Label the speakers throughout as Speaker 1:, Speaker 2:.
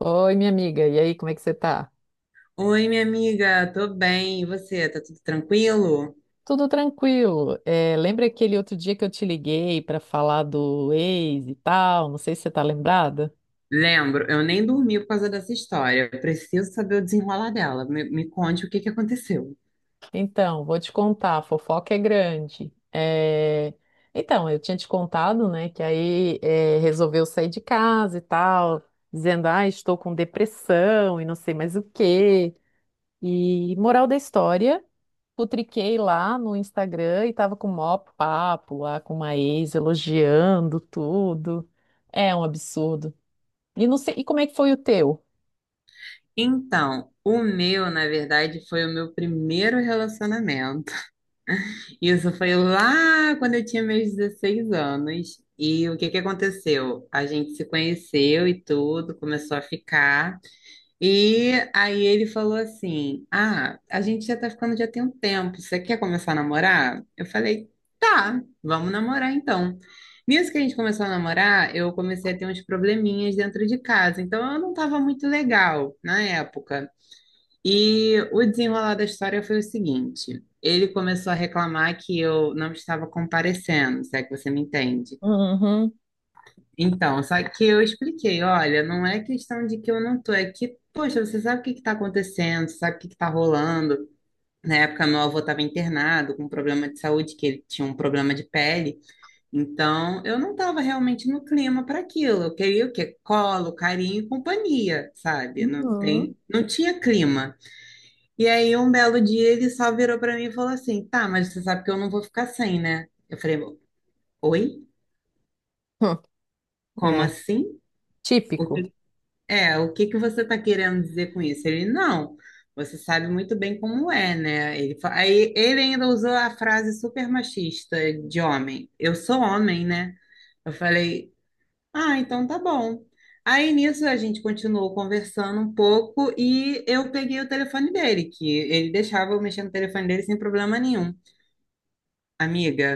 Speaker 1: Oi, minha amiga, e aí, como é que você tá?
Speaker 2: Oi, minha amiga, tô bem. E você, tá tudo tranquilo?
Speaker 1: Tudo tranquilo. É, lembra aquele outro dia que eu te liguei para falar do ex e tal? Não sei se você tá lembrada.
Speaker 2: Lembro, eu nem dormi por causa dessa história. Eu preciso saber o desenrolar dela. Me conte o que que aconteceu.
Speaker 1: Então, vou te contar, a fofoca é grande. É. Então, eu tinha te contado, né, que aí resolveu sair de casa e tal, dizendo, ah, estou com depressão e não sei mais o quê. E moral da história. Putriquei lá no Instagram e tava com o maior papo lá com uma ex, elogiando tudo. É um absurdo. E não sei, e como é que foi o teu?
Speaker 2: Então, o meu, na verdade, foi o meu primeiro relacionamento. Isso foi lá quando eu tinha meus 16 anos. E o que que aconteceu? A gente se conheceu e tudo, começou a ficar. E aí ele falou assim: ah, a gente já tá ficando já tem um tempo, você quer começar a namorar? Eu falei: tá, vamos namorar então. Nisso que a gente começou a namorar, eu comecei a ter uns probleminhas dentro de casa, então eu não tava muito legal na época. E o desenrolar da história foi o seguinte: ele começou a reclamar que eu não estava comparecendo, se é que você me entende.
Speaker 1: Uhum.
Speaker 2: Então, só que eu expliquei, olha, não é questão de que eu não tô, é que, poxa, você sabe o que que tá acontecendo, você sabe o que que tá rolando. Na época, meu avô estava internado com um problema de saúde, que ele tinha um problema de pele. Então, eu não estava realmente no clima para aquilo. Eu queria o quê? Colo, carinho e companhia, sabe?
Speaker 1: Uhum.
Speaker 2: Não tinha clima. E aí, um belo dia, ele só virou para mim e falou assim: tá, mas você sabe que eu não vou ficar sem, né? Eu falei: oi? Como
Speaker 1: É,
Speaker 2: assim? O
Speaker 1: típico.
Speaker 2: É, o que que você está querendo dizer com isso? Ele, não, você sabe muito bem como é, né? Ele, aí ele ainda usou a frase super machista de homem. Eu sou homem, né? Eu falei, ah, então tá bom. Aí nisso a gente continuou conversando um pouco e eu peguei o telefone dele, que ele deixava eu mexer no telefone dele sem problema nenhum. Amiga,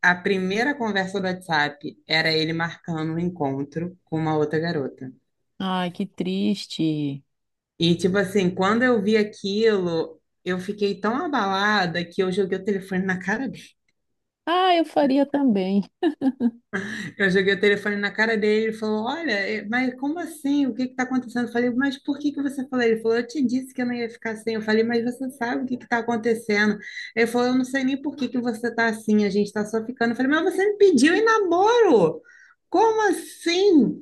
Speaker 2: a primeira conversa do WhatsApp era ele marcando um encontro com uma outra garota.
Speaker 1: Ai, que triste.
Speaker 2: E, tipo assim, quando eu vi aquilo, eu fiquei tão abalada que eu joguei o telefone na cara dele.
Speaker 1: Ah, eu faria também.
Speaker 2: Eu joguei o telefone na cara dele, ele falou: olha, eh, mas como assim? O que que tá acontecendo? Eu falei: mas por que que você falou? Ele falou: eu te disse que eu não ia ficar assim. Eu falei: mas você sabe o que que tá acontecendo? Ele falou: eu não sei nem por que que você tá assim, a gente tá só ficando. Eu falei: mas você me pediu em namoro! Como assim?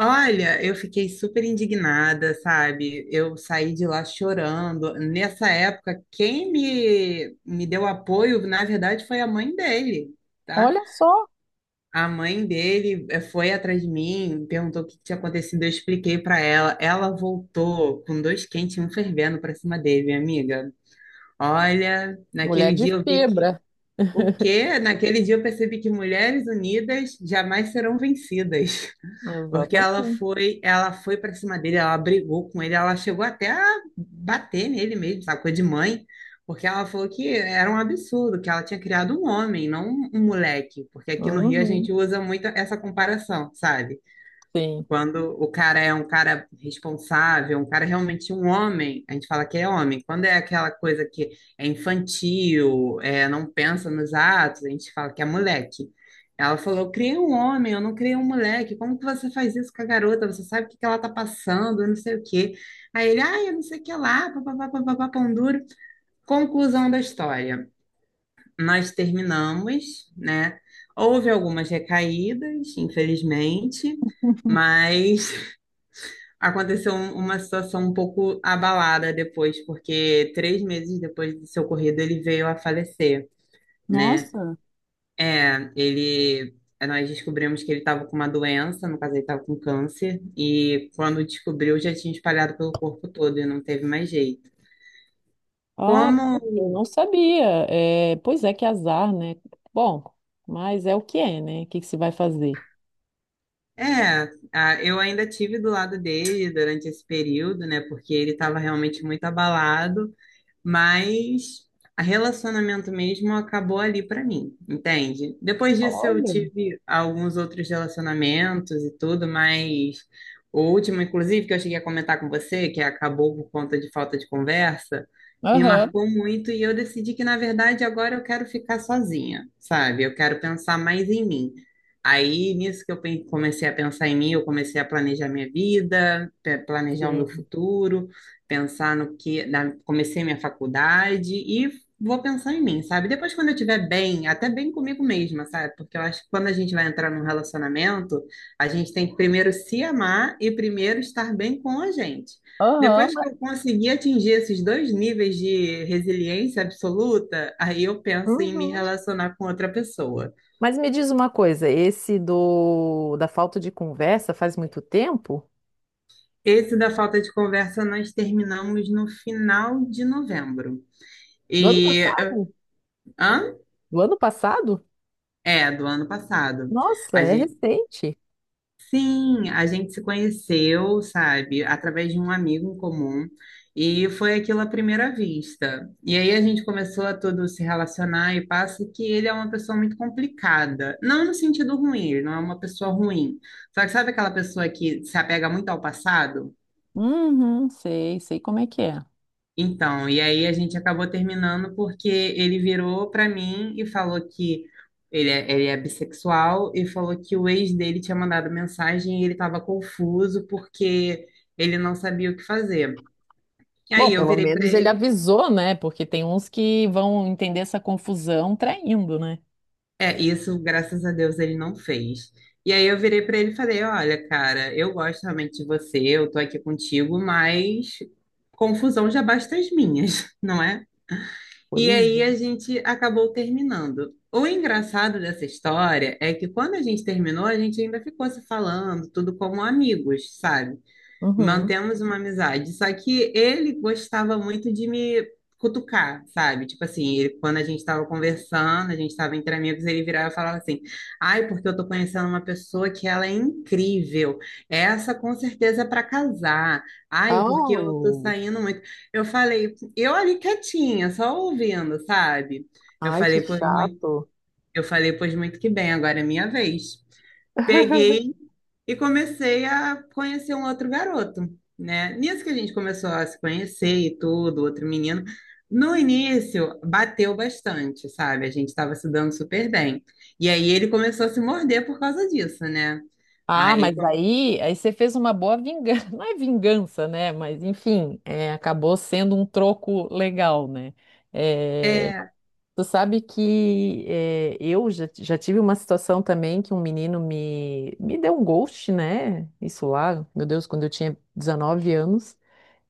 Speaker 2: Olha, eu fiquei super indignada, sabe? Eu saí de lá chorando. Nessa época, quem me deu apoio, na verdade, foi a mãe dele, tá?
Speaker 1: Olha só.
Speaker 2: A mãe dele foi atrás de mim, perguntou o que tinha acontecido, eu expliquei pra ela. Ela voltou com dois quentes e um fervendo pra cima dele, minha amiga. Olha,
Speaker 1: Mulher
Speaker 2: naquele
Speaker 1: de
Speaker 2: dia eu vi que.
Speaker 1: fibra.
Speaker 2: O quê? Naquele dia eu percebi que mulheres unidas jamais serão vencidas. Porque
Speaker 1: Exatamente.
Speaker 2: ela foi para cima dele, ela brigou com ele, ela chegou até a bater nele mesmo, sabe? Coisa de mãe, porque ela falou que era um absurdo, que ela tinha criado um homem, não um moleque, porque aqui no Rio a
Speaker 1: Uhum,
Speaker 2: gente usa muito essa comparação, sabe?
Speaker 1: sim.
Speaker 2: Quando o cara é um cara responsável, um cara realmente um homem, a gente fala que é homem. Quando é aquela coisa que é infantil, é, não pensa nos atos, a gente fala que é moleque. Ela falou: eu criei um homem, eu não criei um moleque. Como que você faz isso com a garota? Você sabe o que que ela tá passando, eu não sei o quê. Aí ele, ah, eu não sei o que lá, papapá, papapá, pão duro. Conclusão da história. Nós terminamos, né? Houve algumas recaídas, infelizmente, mas aconteceu uma situação um pouco abalada depois, porque 3 meses depois do seu ocorrido ele veio a falecer, né?
Speaker 1: Nossa,
Speaker 2: É, ele, é, nós descobrimos que ele estava com uma doença, no caso ele estava com câncer, e quando descobriu já tinha espalhado pelo corpo todo e não teve mais jeito.
Speaker 1: ah,
Speaker 2: Como,
Speaker 1: eu não sabia. É, pois é, que azar, né? Bom, mas é o que é, né? O que que se vai fazer?
Speaker 2: é, a- eu ainda tive do lado dele durante esse período, né? Porque ele estava realmente muito abalado. Mas a relacionamento mesmo acabou ali para mim, entende? Depois disso eu
Speaker 1: Olha.
Speaker 2: tive alguns outros relacionamentos e tudo, mas o último, inclusive, que eu cheguei a comentar com você, que acabou por conta de falta de conversa, me
Speaker 1: Aham,
Speaker 2: marcou muito e eu decidi que, na verdade, agora eu quero ficar sozinha, sabe? Eu quero pensar mais em mim. Aí, nisso que eu comecei a pensar em mim, eu comecei a planejar minha vida, planejar o meu
Speaker 1: sim.
Speaker 2: futuro, pensar no que. Comecei minha faculdade e vou pensar em mim, sabe? Depois, quando eu estiver bem, até bem comigo mesma, sabe? Porque eu acho que quando a gente vai entrar num relacionamento, a gente tem que primeiro se amar e primeiro estar bem com a gente.
Speaker 1: Aham.
Speaker 2: Depois que eu conseguir atingir esses dois níveis de resiliência absoluta, aí eu penso em me
Speaker 1: Uhum.
Speaker 2: relacionar com outra pessoa.
Speaker 1: Mas me diz uma coisa, esse do da falta de conversa faz muito tempo?
Speaker 2: Esse da falta de conversa nós terminamos no final de novembro.
Speaker 1: Do ano
Speaker 2: E.
Speaker 1: passado?
Speaker 2: Hã?
Speaker 1: Do ano passado?
Speaker 2: É, do ano passado.
Speaker 1: Nossa,
Speaker 2: A
Speaker 1: é
Speaker 2: gente,
Speaker 1: recente.
Speaker 2: sim, a gente se conheceu, sabe, através de um amigo em comum e foi aquilo à primeira vista. E aí a gente começou a todo se relacionar e passa que ele é uma pessoa muito complicada. Não no sentido ruim, ele não é uma pessoa ruim. Só que sabe aquela pessoa que se apega muito ao passado?
Speaker 1: Uhum, sei, sei como é que é.
Speaker 2: Então, e aí a gente acabou terminando porque ele virou pra mim e falou que ele é bissexual e falou que o ex dele tinha mandado mensagem e ele estava confuso porque ele não sabia o que fazer. E
Speaker 1: Bom,
Speaker 2: aí eu
Speaker 1: pelo
Speaker 2: virei pra
Speaker 1: menos ele
Speaker 2: ele,
Speaker 1: avisou, né? Porque tem uns que vão entender essa confusão traindo, né?
Speaker 2: é, isso, graças a Deus, ele não fez. E aí eu virei pra ele e falei, olha, cara, eu gosto realmente de você, eu tô aqui contigo, mas confusão já basta as minhas, não é?
Speaker 1: Pois
Speaker 2: E aí a
Speaker 1: é.
Speaker 2: gente acabou terminando. O engraçado dessa história é que quando a gente terminou, a gente ainda ficou se falando, tudo como amigos, sabe?
Speaker 1: Uhum.
Speaker 2: Mantemos uma amizade. Só que ele gostava muito de me cutucar, sabe? Tipo assim, quando a gente estava conversando, a gente estava entre amigos, ele virava e falava assim: ai, porque eu tô conhecendo uma pessoa que ela é incrível. Essa com certeza é para casar. Ai, porque eu tô
Speaker 1: Oh,
Speaker 2: saindo muito. Eu falei, eu ali quietinha, só ouvindo, sabe? Eu
Speaker 1: ai, que
Speaker 2: falei, pois muito,
Speaker 1: chato.
Speaker 2: eu falei, pois muito que bem, agora é minha vez. Peguei. E comecei a conhecer um outro garoto, né? Nisso que a gente começou a se conhecer e tudo, outro menino. No início, bateu bastante, sabe? A gente estava se dando super bem. E aí ele começou a se morder por causa disso, né?
Speaker 1: Ah,
Speaker 2: Aí,
Speaker 1: mas aí você fez uma boa vingança. Não é vingança, né? Mas, enfim, acabou sendo um troco legal, né? É,
Speaker 2: é,
Speaker 1: tu sabe que é, eu já tive uma situação também que um menino me deu um ghost, né? Isso lá, meu Deus, quando eu tinha 19 anos.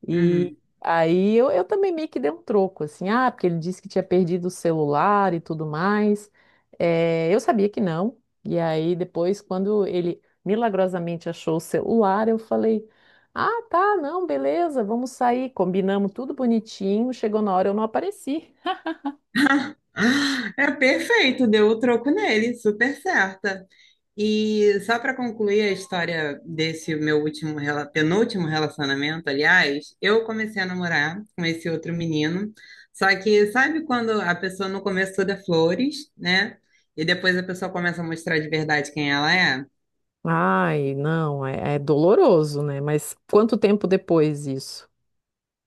Speaker 1: E
Speaker 2: uhum.
Speaker 1: aí eu também meio que dei um troco, assim, ah, porque ele disse que tinha perdido o celular e tudo mais. Eu sabia que não. E aí depois, quando ele milagrosamente achou o celular, eu falei, ah, tá, não, beleza, vamos sair. Combinamos tudo bonitinho, chegou na hora, eu não apareci.
Speaker 2: Ah, ah, é perfeito, deu o troco nele, super certa. E só para concluir a história desse meu último, penúltimo relacionamento, aliás, eu comecei a namorar com esse outro menino. Só que sabe quando a pessoa no começo toda é flores, né? E depois a pessoa começa a mostrar de verdade quem ela é?
Speaker 1: Ai, não, é doloroso, né? Mas quanto tempo depois isso?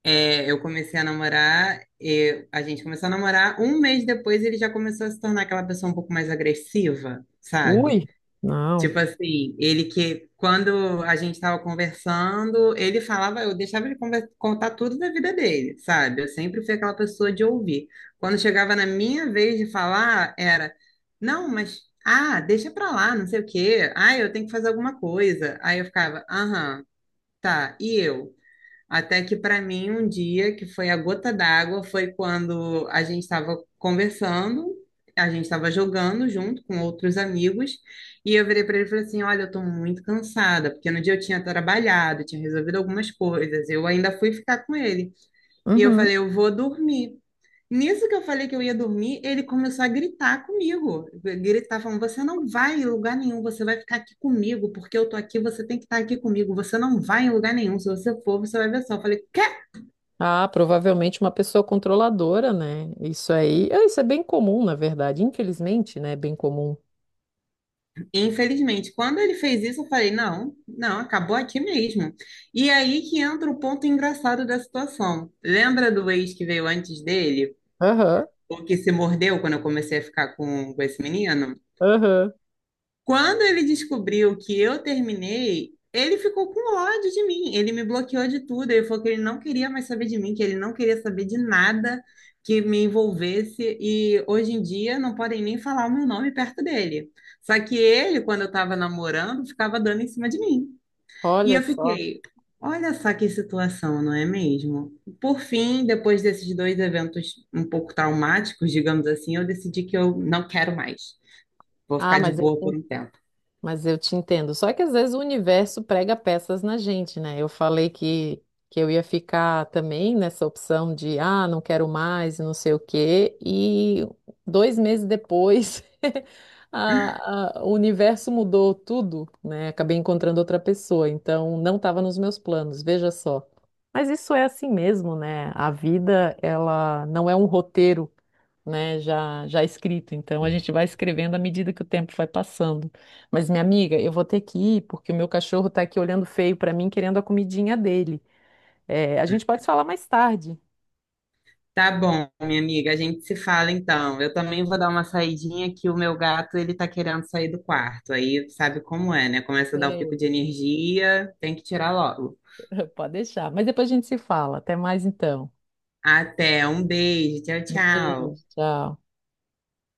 Speaker 2: É, eu comecei a namorar, e a gente começou a namorar, um mês depois ele já começou a se tornar aquela pessoa um pouco mais agressiva, sabe?
Speaker 1: Ui, não.
Speaker 2: Tipo assim, ele que, quando a gente estava conversando, ele falava, eu deixava ele contar tudo da vida dele, sabe? Eu sempre fui aquela pessoa de ouvir. Quando chegava na minha vez de falar, era, não, mas, ah, deixa pra lá, não sei o quê. Ah, eu tenho que fazer alguma coisa. Aí eu ficava, aham, tá, e eu? Até que para mim um dia que foi a gota d'água foi quando a gente estava conversando, a gente estava jogando junto com outros amigos e eu virei para ele e falei assim, olha, eu estou muito cansada porque no dia eu tinha trabalhado, tinha resolvido algumas coisas, eu ainda fui ficar com ele e eu
Speaker 1: Uhum.
Speaker 2: falei, eu vou dormir. Nisso que eu falei que eu ia dormir, ele começou a gritar comigo. Gritar falando: "Você não vai em lugar nenhum, você vai ficar aqui comigo, porque eu tô aqui, você tem que estar aqui comigo. Você não vai em lugar nenhum, se você for, você vai ver só". Eu falei: "Quê?".
Speaker 1: Ah, provavelmente uma pessoa controladora, né? Isso aí, ah, isso é bem comum, na verdade. Infelizmente, né? É bem comum.
Speaker 2: Infelizmente, quando ele fez isso, eu falei: "Não, não, acabou aqui mesmo". E aí que entra o ponto engraçado da situação. Lembra do ex que veio antes dele?
Speaker 1: Aham,
Speaker 2: O que se mordeu quando eu comecei a ficar com esse menino?
Speaker 1: aham.
Speaker 2: Quando ele descobriu que eu terminei, ele ficou com ódio de mim. Ele me bloqueou de tudo. Ele falou que ele não queria mais saber de mim, que ele não queria saber de nada que me envolvesse. E hoje em dia não podem nem falar o meu nome perto dele. Só que ele, quando eu estava namorando, ficava dando em cima de mim. E
Speaker 1: Olha
Speaker 2: eu
Speaker 1: só.
Speaker 2: fiquei, olha só que situação, não é mesmo? Por fim, depois desses dois eventos um pouco traumáticos, digamos assim, eu decidi que eu não quero mais. Vou
Speaker 1: Ah,
Speaker 2: ficar de
Speaker 1: mas é,
Speaker 2: boa
Speaker 1: assim.
Speaker 2: por um tempo.
Speaker 1: Mas eu te entendo. Só que às vezes o universo prega peças na gente, né? Eu falei que eu ia ficar também nessa opção de, ah, não quero mais, e não sei o quê. E 2 meses depois, o universo mudou tudo, né? Acabei encontrando outra pessoa. Então, não estava nos meus planos, veja só. Mas isso é assim mesmo, né? A vida, ela não é um roteiro, né? Já, já escrito. Então, a gente vai escrevendo à medida que o tempo vai passando. Mas, minha amiga, eu vou ter que ir porque o meu cachorro tá aqui olhando feio pra mim, querendo a comidinha dele. É, a gente pode falar mais tarde.
Speaker 2: Tá bom, minha amiga, a gente se fala então. Eu também vou dar uma saidinha que o meu gato, ele tá querendo sair do quarto. Aí sabe como é, né? Começa a dar o pico de
Speaker 1: Sim.
Speaker 2: energia, tem que tirar logo.
Speaker 1: Pode deixar. Mas depois a gente se fala. Até mais então.
Speaker 2: Até, um beijo, tchau, tchau.
Speaker 1: Beijo, tchau.